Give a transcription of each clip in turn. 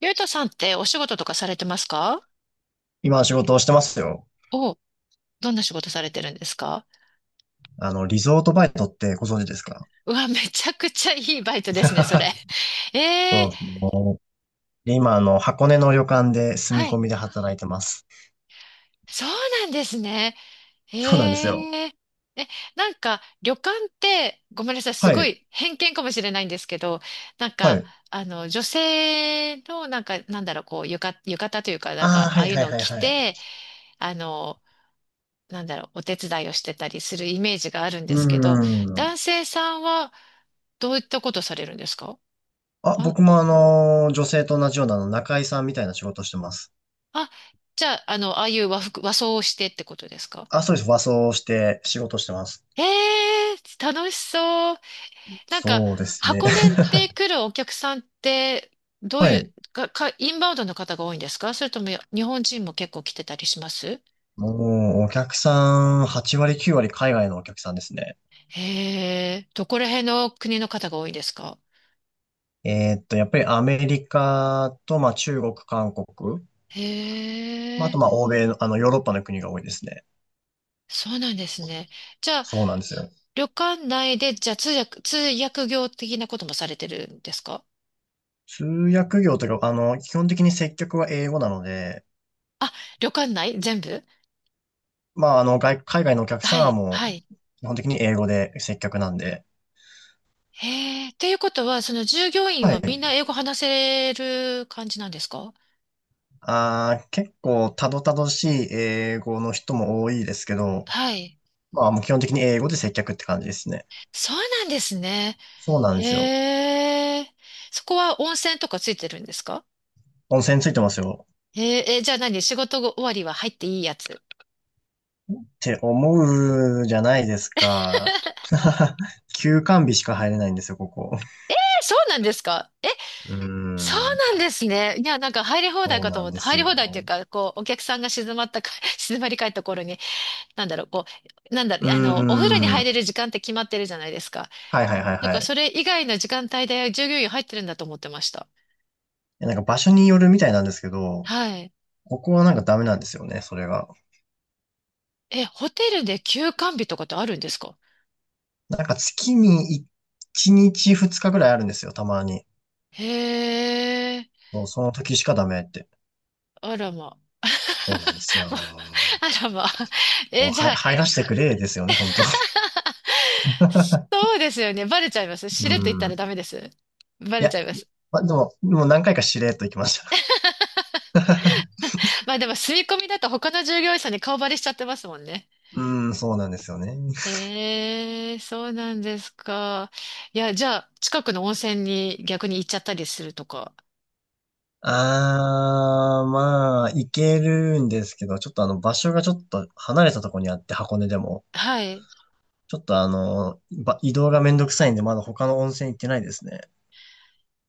ゆうとさんってお仕事とかされてますか？今仕事をしてますよ。お、どんな仕事されてるんですか？リゾートバイトってご存知ですか？ うわ、めちゃくちゃいいバイトですね、それ。えそえ。うですね。今、箱根の旅館で住みは込い。みで働いてます。そうなんですね。え。そうなんですよ。ええ、なんか、旅館って、ごめんなさい、すはごい。い偏見かもしれないんですけど、なんはか、い。女性の、なんか、なんだろう、こう、浴衣というか、なんあか、あ、はああいいうはいのをはい着はい。て、あの、なんだろう、お手伝いをしてたりするイメージがあるんうでーすけど、ん。男性さんは、どういったことされるんですか？あ、あ、僕も女性と同じような中居さんみたいな仕事してます。あ、じゃあ、ああいう和服、和装をしてってことですか？あ、そうです。和装して仕事してます。ええー楽しそう。なんか、そうですね。箱根っ て来るお客さんって、どうはいう、い。インバウンドの方が多いんですか？それとも日本人も結構来てたりします？もう、お客さん、8割、9割海外のお客さんですね。へえ、どこら辺の国の方が多いんですか？やっぱりアメリカと、まあ、中国、韓国。へまあ、あと、え、まあ、欧米の、ヨーロッパの国が多いですね。そうなんですね。じゃあ、そうなんですよ。旅館内で、じゃあ通訳業的なこともされてるんですか？通訳業というか、基本的に接客は英語なので、あ、旅館内全部。まあ、海外のお客さはんはい、もはい。う、基本的に英語で接客なんで、へえ、っていうことは、その従業員ははみんい。な英語話せる感じなんですか？結構、たどたどしい英語の人も多いですけど、はい。まあ、もう基本的に英語で接客って感じですね。そうなんですね。そうなんですよ。へえ、そこは温泉とかついてるんですか？温泉ついてますよ。へえ、え、じゃあ何、仕事終わりは入っていいやつ。って思うじゃないですか。休館日しか入れないんですよ、ここ。そうなんですか？え、うーそうん。なんですね。いや、なんか入り放題そうかとな思んって、です入り放題っていうよ。か、こう、お客さんが静まったか、静まり返った頃に、なんだろう、こう、なんだろうう、ーお風呂にん。入れはる時間って決まってるじゃないですか。いはいはいだはからい。いそれ以外の時間帯で従業員入ってるんだと思ってました。や、なんか場所によるみたいなんですけど、はい。ここはなんかダメなんですよね、それが。え、ホテルで休館日とかってあるんですか？なんか月に1日2日ぐらいあるんですよ、たまに。へえ、そう、その時しかダメって。あらま。そうなんですよ。あらま。もえ、うじはいゃあ、入らせてくれですよね、本当。 そうですよね。バレちゃいます。しうれっと言ったらダん。メです。バいレちや、ゃいます。ま、でも、もう何回かしれっと行きました。まあでも、住み込みだと他の従業員さんに顔バレしちゃってますもんね。うん、そうなんですよね。ええ、そうなんですか。いや、じゃあ、近くの温泉に逆に行っちゃったりするとか。まあ、行けるんですけど、ちょっと場所がちょっと離れたところにあって、箱根でも。はい。ちょっと移動がめんどくさいんで、まだ他の温泉行ってないですね。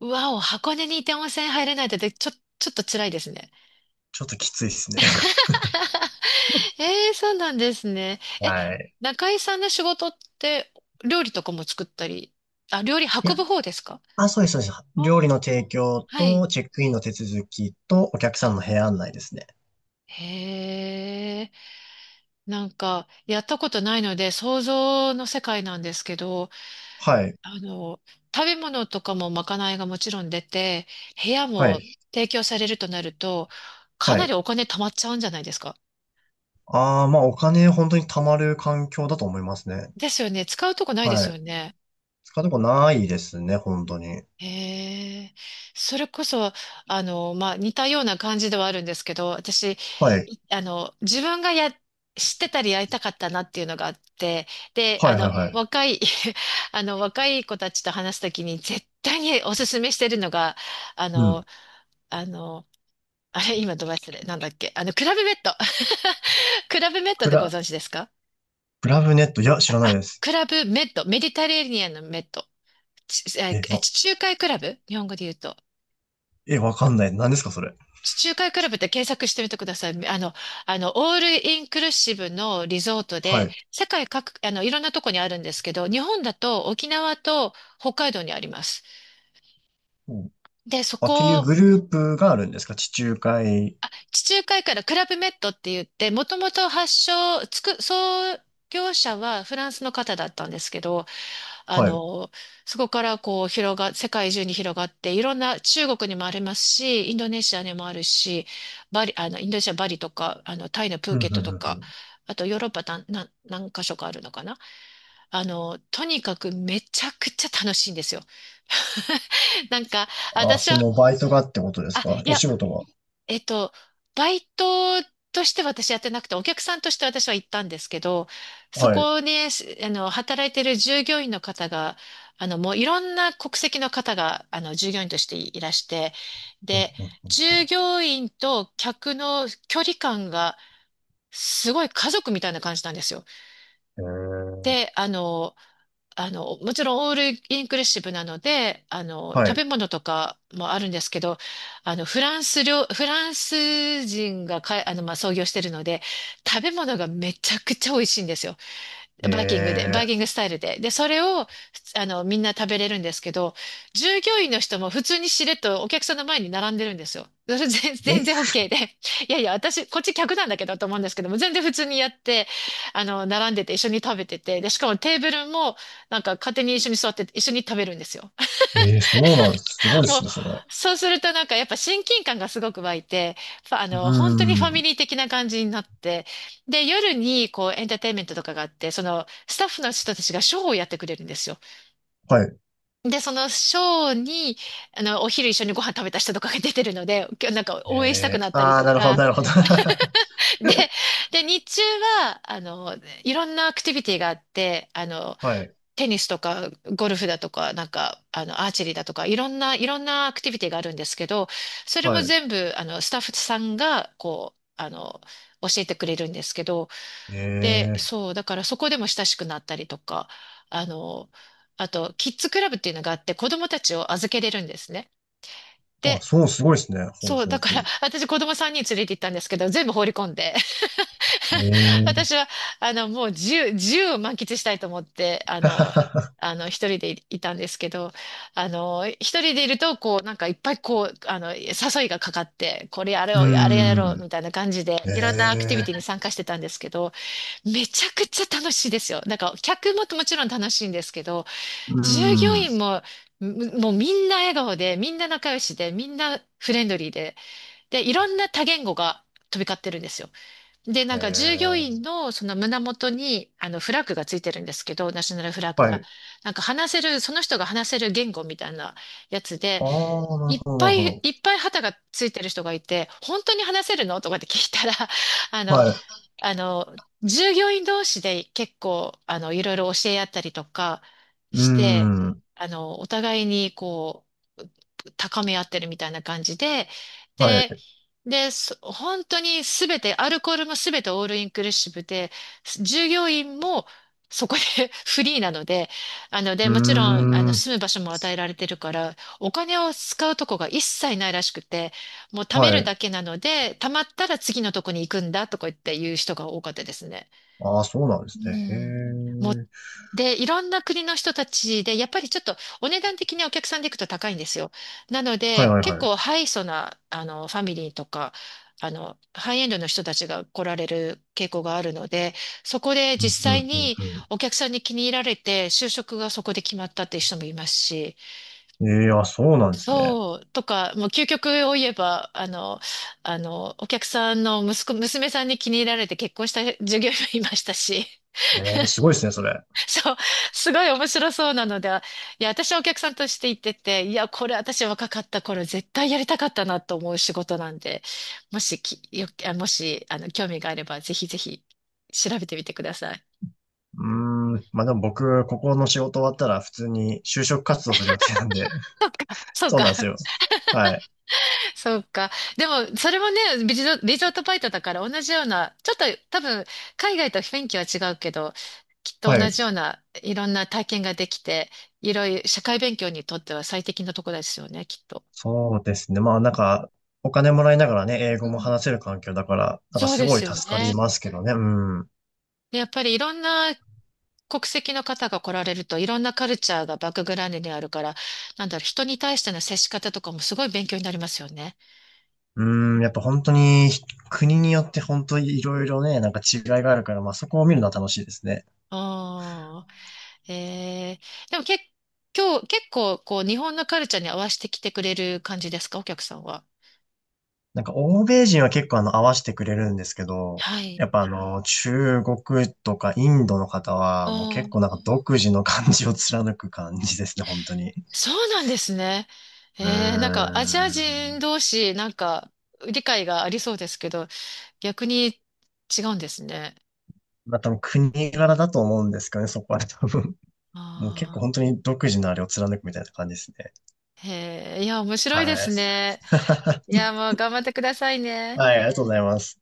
うわお、箱根にいて温泉入れないってちょっと辛いですね。ちょっときついですね。ええ、そうなんですね。え、はい。中井さんの仕事って料理とかも作ったり、あ、料理い運や、ぶ方ですか？あ、そうです、そうです。あー、料理の提供はい。と、チェックインの手続きと、お客さんの部屋案内ですね。へえ、なんか、やったことないので、想像の世界なんですけど、はい、あの、食べ物とかもまかないがもちろん出て、部屋はもい、提供されるとなると、かはない。りお金貯まっちゃうんじゃないですか？まあ、お金本当に貯まる環境だと思いますね。ですよね。使うとこないではすよい。ね。使うとこないですね、本当に。へえ。それこそ、まあ、似たような感じではあるんですけど、私、はい、自分がや、知ってたりやりたかったなっていうのがあって、で、はい、はい、はい。若い、若い子たちと話すときに絶対におすすめしてるのが、あうん。の、あの、あれ、今ど忘れ、なんだっけ、クラブメッド。クラブメッドでご暗存知ですか？プラブネット、いや、知らないです。クラブメッド、メディタレーニアンのメッド。ちえーえ、え地中海クラブ、日本語で言うと。え、わかんない。何ですか、それ。地中海クラブって検索してみてください。オールインクルーシブのリゾートはで、い。世界各、いろんなとこにあるんですけど、日本だと沖縄と北海道にあります。うん。で、そあ、っていうこグループがあるんですか、地中海？地中海からクラブメットって言って、もともと発祥、創業者はフランスの方だったんですけど、あはい。うの、そこからこう世界中に広がって、いろんな中国にもありますし、インドネシアにもあるし、バリ、インドネシアバリとか、タイのプん、ーうん、うケッん、トとうか、ん。あとヨーロッパ何、なん何箇所かあるのかな。とにかくめちゃくちゃ楽しいんですよ。なんか、あ、私そは、のバイトがってことですあ、か、いおや、仕事が？えっと、バイトとして私やってなくて、お客さんとして私は行ったんですけど、そはい。こね、働いてる従業員の方が、もういろんな国籍の方が、従業員としていらして、うん、で、うん。従業員と客の距離感がすごい家族みたいな感じなんですよ。へー、で、もちろんオールインクルーシブなので、は食い。べ物とかもあるんですけど、フランス人がまあ、創業してるので、食べ物がめちゃくちゃ美味しいんですよ。バイキングで、バイキンえグスタイルで。で、それを、みんな食べれるんですけど、従業員の人も普通にしれっとお客さんの前に並んでるんですよ。それ全然 ー、OK で。いやいや、私、こっち客なんだけどと思うんですけども、全然普通にやって、並んでて一緒に食べてて、で、しかもテーブルも、なんか勝手に一緒に座ってて一緒に食べるんですよ。ええー、そうなんです。すごいでそう。すね、それ。そうするとなんかやっぱ親近感がすごく湧いて、う本当にファーミん。リー的な感じになって、で、夜にこうエンターテインメントとかがあって、そのスタッフの人たちがショーをやってくれるんですよ。はい。で、そのショーに、お昼一緒にご飯食べた人とかが出てるので、なんか応援したくなったりとなるほど、か、なるほど。で、で、日中は、いろんなアクティビティがあって、はい。テニスとかゴルフだとか、なんか、アーチェリーだとか、いろんなアクティビティがあるんですけど、それはもい。全部、スタッフさんが、こう、教えてくれるんですけど、で、えそう、だからそこでも親しくなったりとか、あの、あと、キッズクラブっていうのがあって、子供たちを預けれるんですね。あ、で、そう、すごいですね。ほうそう、ほうだかほう。ら、私子供3人連れて行ったんですけど、全部放り込んで、え 私ー、は、もう自由を満喫したいと思って、一人でいたんですけど、一人でいると、こう、なんかいっぱいこう、誘いがかかって、これやうーろう、あれやろう、みん。たいな感じで、えいろんなアクティビティにえ、参加してたんですけど、めちゃくちゃ楽しいですよ。なんか、客ももちろん楽しいんですけど、う従業ん。員も、もうみんな笑顔で、みんな仲良しで、みんなフレンドリーで、で、いろんな多言語が飛び交ってるんですよ。で、えなんか従業員え、のその胸元にあのフラッグがついてるんですけど、ナショナルフラッグはが。い。なんか話せる、その人が話せる言語みたいなやつで、ああ、なるいっほど、なぱるいほいっど。ぱい旗がついてる人がいて、本当に話せるのとかって聞いたら、あの、はい。あの、従業員同士で結構、いろいろ教え合ったりとかうーして、ん。お互いにこう、高め合ってるみたいな感じで、はで、い。で、本当にすべて、アルコールもすべてオールインクルーシブで、従業員もそこで フリーなので、で、うーもちろん、ん。住む場所も与えられてるから、お金を使うとこが一切ないらしくて、もう貯はめるい。だけなので、貯まったら次のとこに行くんだとか言って言う人が多かったですね。ああ、そうなんでうすね。へん。もう、え。で、いろんな国の人たちで、やっぱりちょっとお値段的にお客さんで行くと高いんですよ。なのはで、いはい結はい。構ハイソな、ファミリーとか、ハイエンドの人たちが来られる傾向があるので、そこでう実ん、う際ん、にうん、お客さんに気に入られて、就職がそこで決まったっていう人もいますし、うん。ええ、あ、そうなんですね。そう、とか、もう究極を言えば、お客さんの息子、娘さんに気に入られて結婚した従業員もいましたし、ええ、すごいですね、それ。そう、すごい面白そうなので、いや、私はお客さんとして行ってて、いや、これ私若かった頃絶対やりたかったなと思う仕事なんで、もし、興味があれば、ぜひぜひ調べてみてください。うーん。ま、でも僕、ここの仕事終わったら普通に就職活動する予定なんで、そうそうなんですか。よ。はい。そうか。でも、それもね、リゾートバイトだから同じような、ちょっと多分、海外と雰囲気は違うけど、きっとは同い。じようないろんな体験ができて、いろいろ社会勉強にとっては最適なとこですよね、きっと。そうですね。まあなんか、お金もらいながらね、英う語もん。話せる環境だから、なんかそうすでごすいよ助かりね。ますけどね。うん。でやっぱりいろんな国籍の方が来られると、いろんなカルチャーがバックグラウンドにあるから、なんだろう、人に対しての接し方とかもすごい勉強になりますよね。うん、やっぱ本当に国によって本当にいろいろね、なんか違いがあるから、まあそこを見るのは楽しいですね。ああ。えでも今日、結構、こう、日本のカルチャーに合わせてきてくれる感じですか、お客さんは。なんか欧米人は結構合わせてくれるんですけど、はやい。っぱあの中国とかインドの方はもうああ、結構なんか独自の感じを貫く感じですね、本当に。そうなんですね。うーなんか、アジア人ん。同士、なんか、理解がありそうですけど、逆に違うんですね。まあ多分国柄だと思うんですけどね、そこは多分。もう結構あ本あ、当に独自のあれを貫くみたいな感じですね。へえ、いや、面白いではい。すね。い や、もう頑張ってくださいね。はい、ありがとうございます。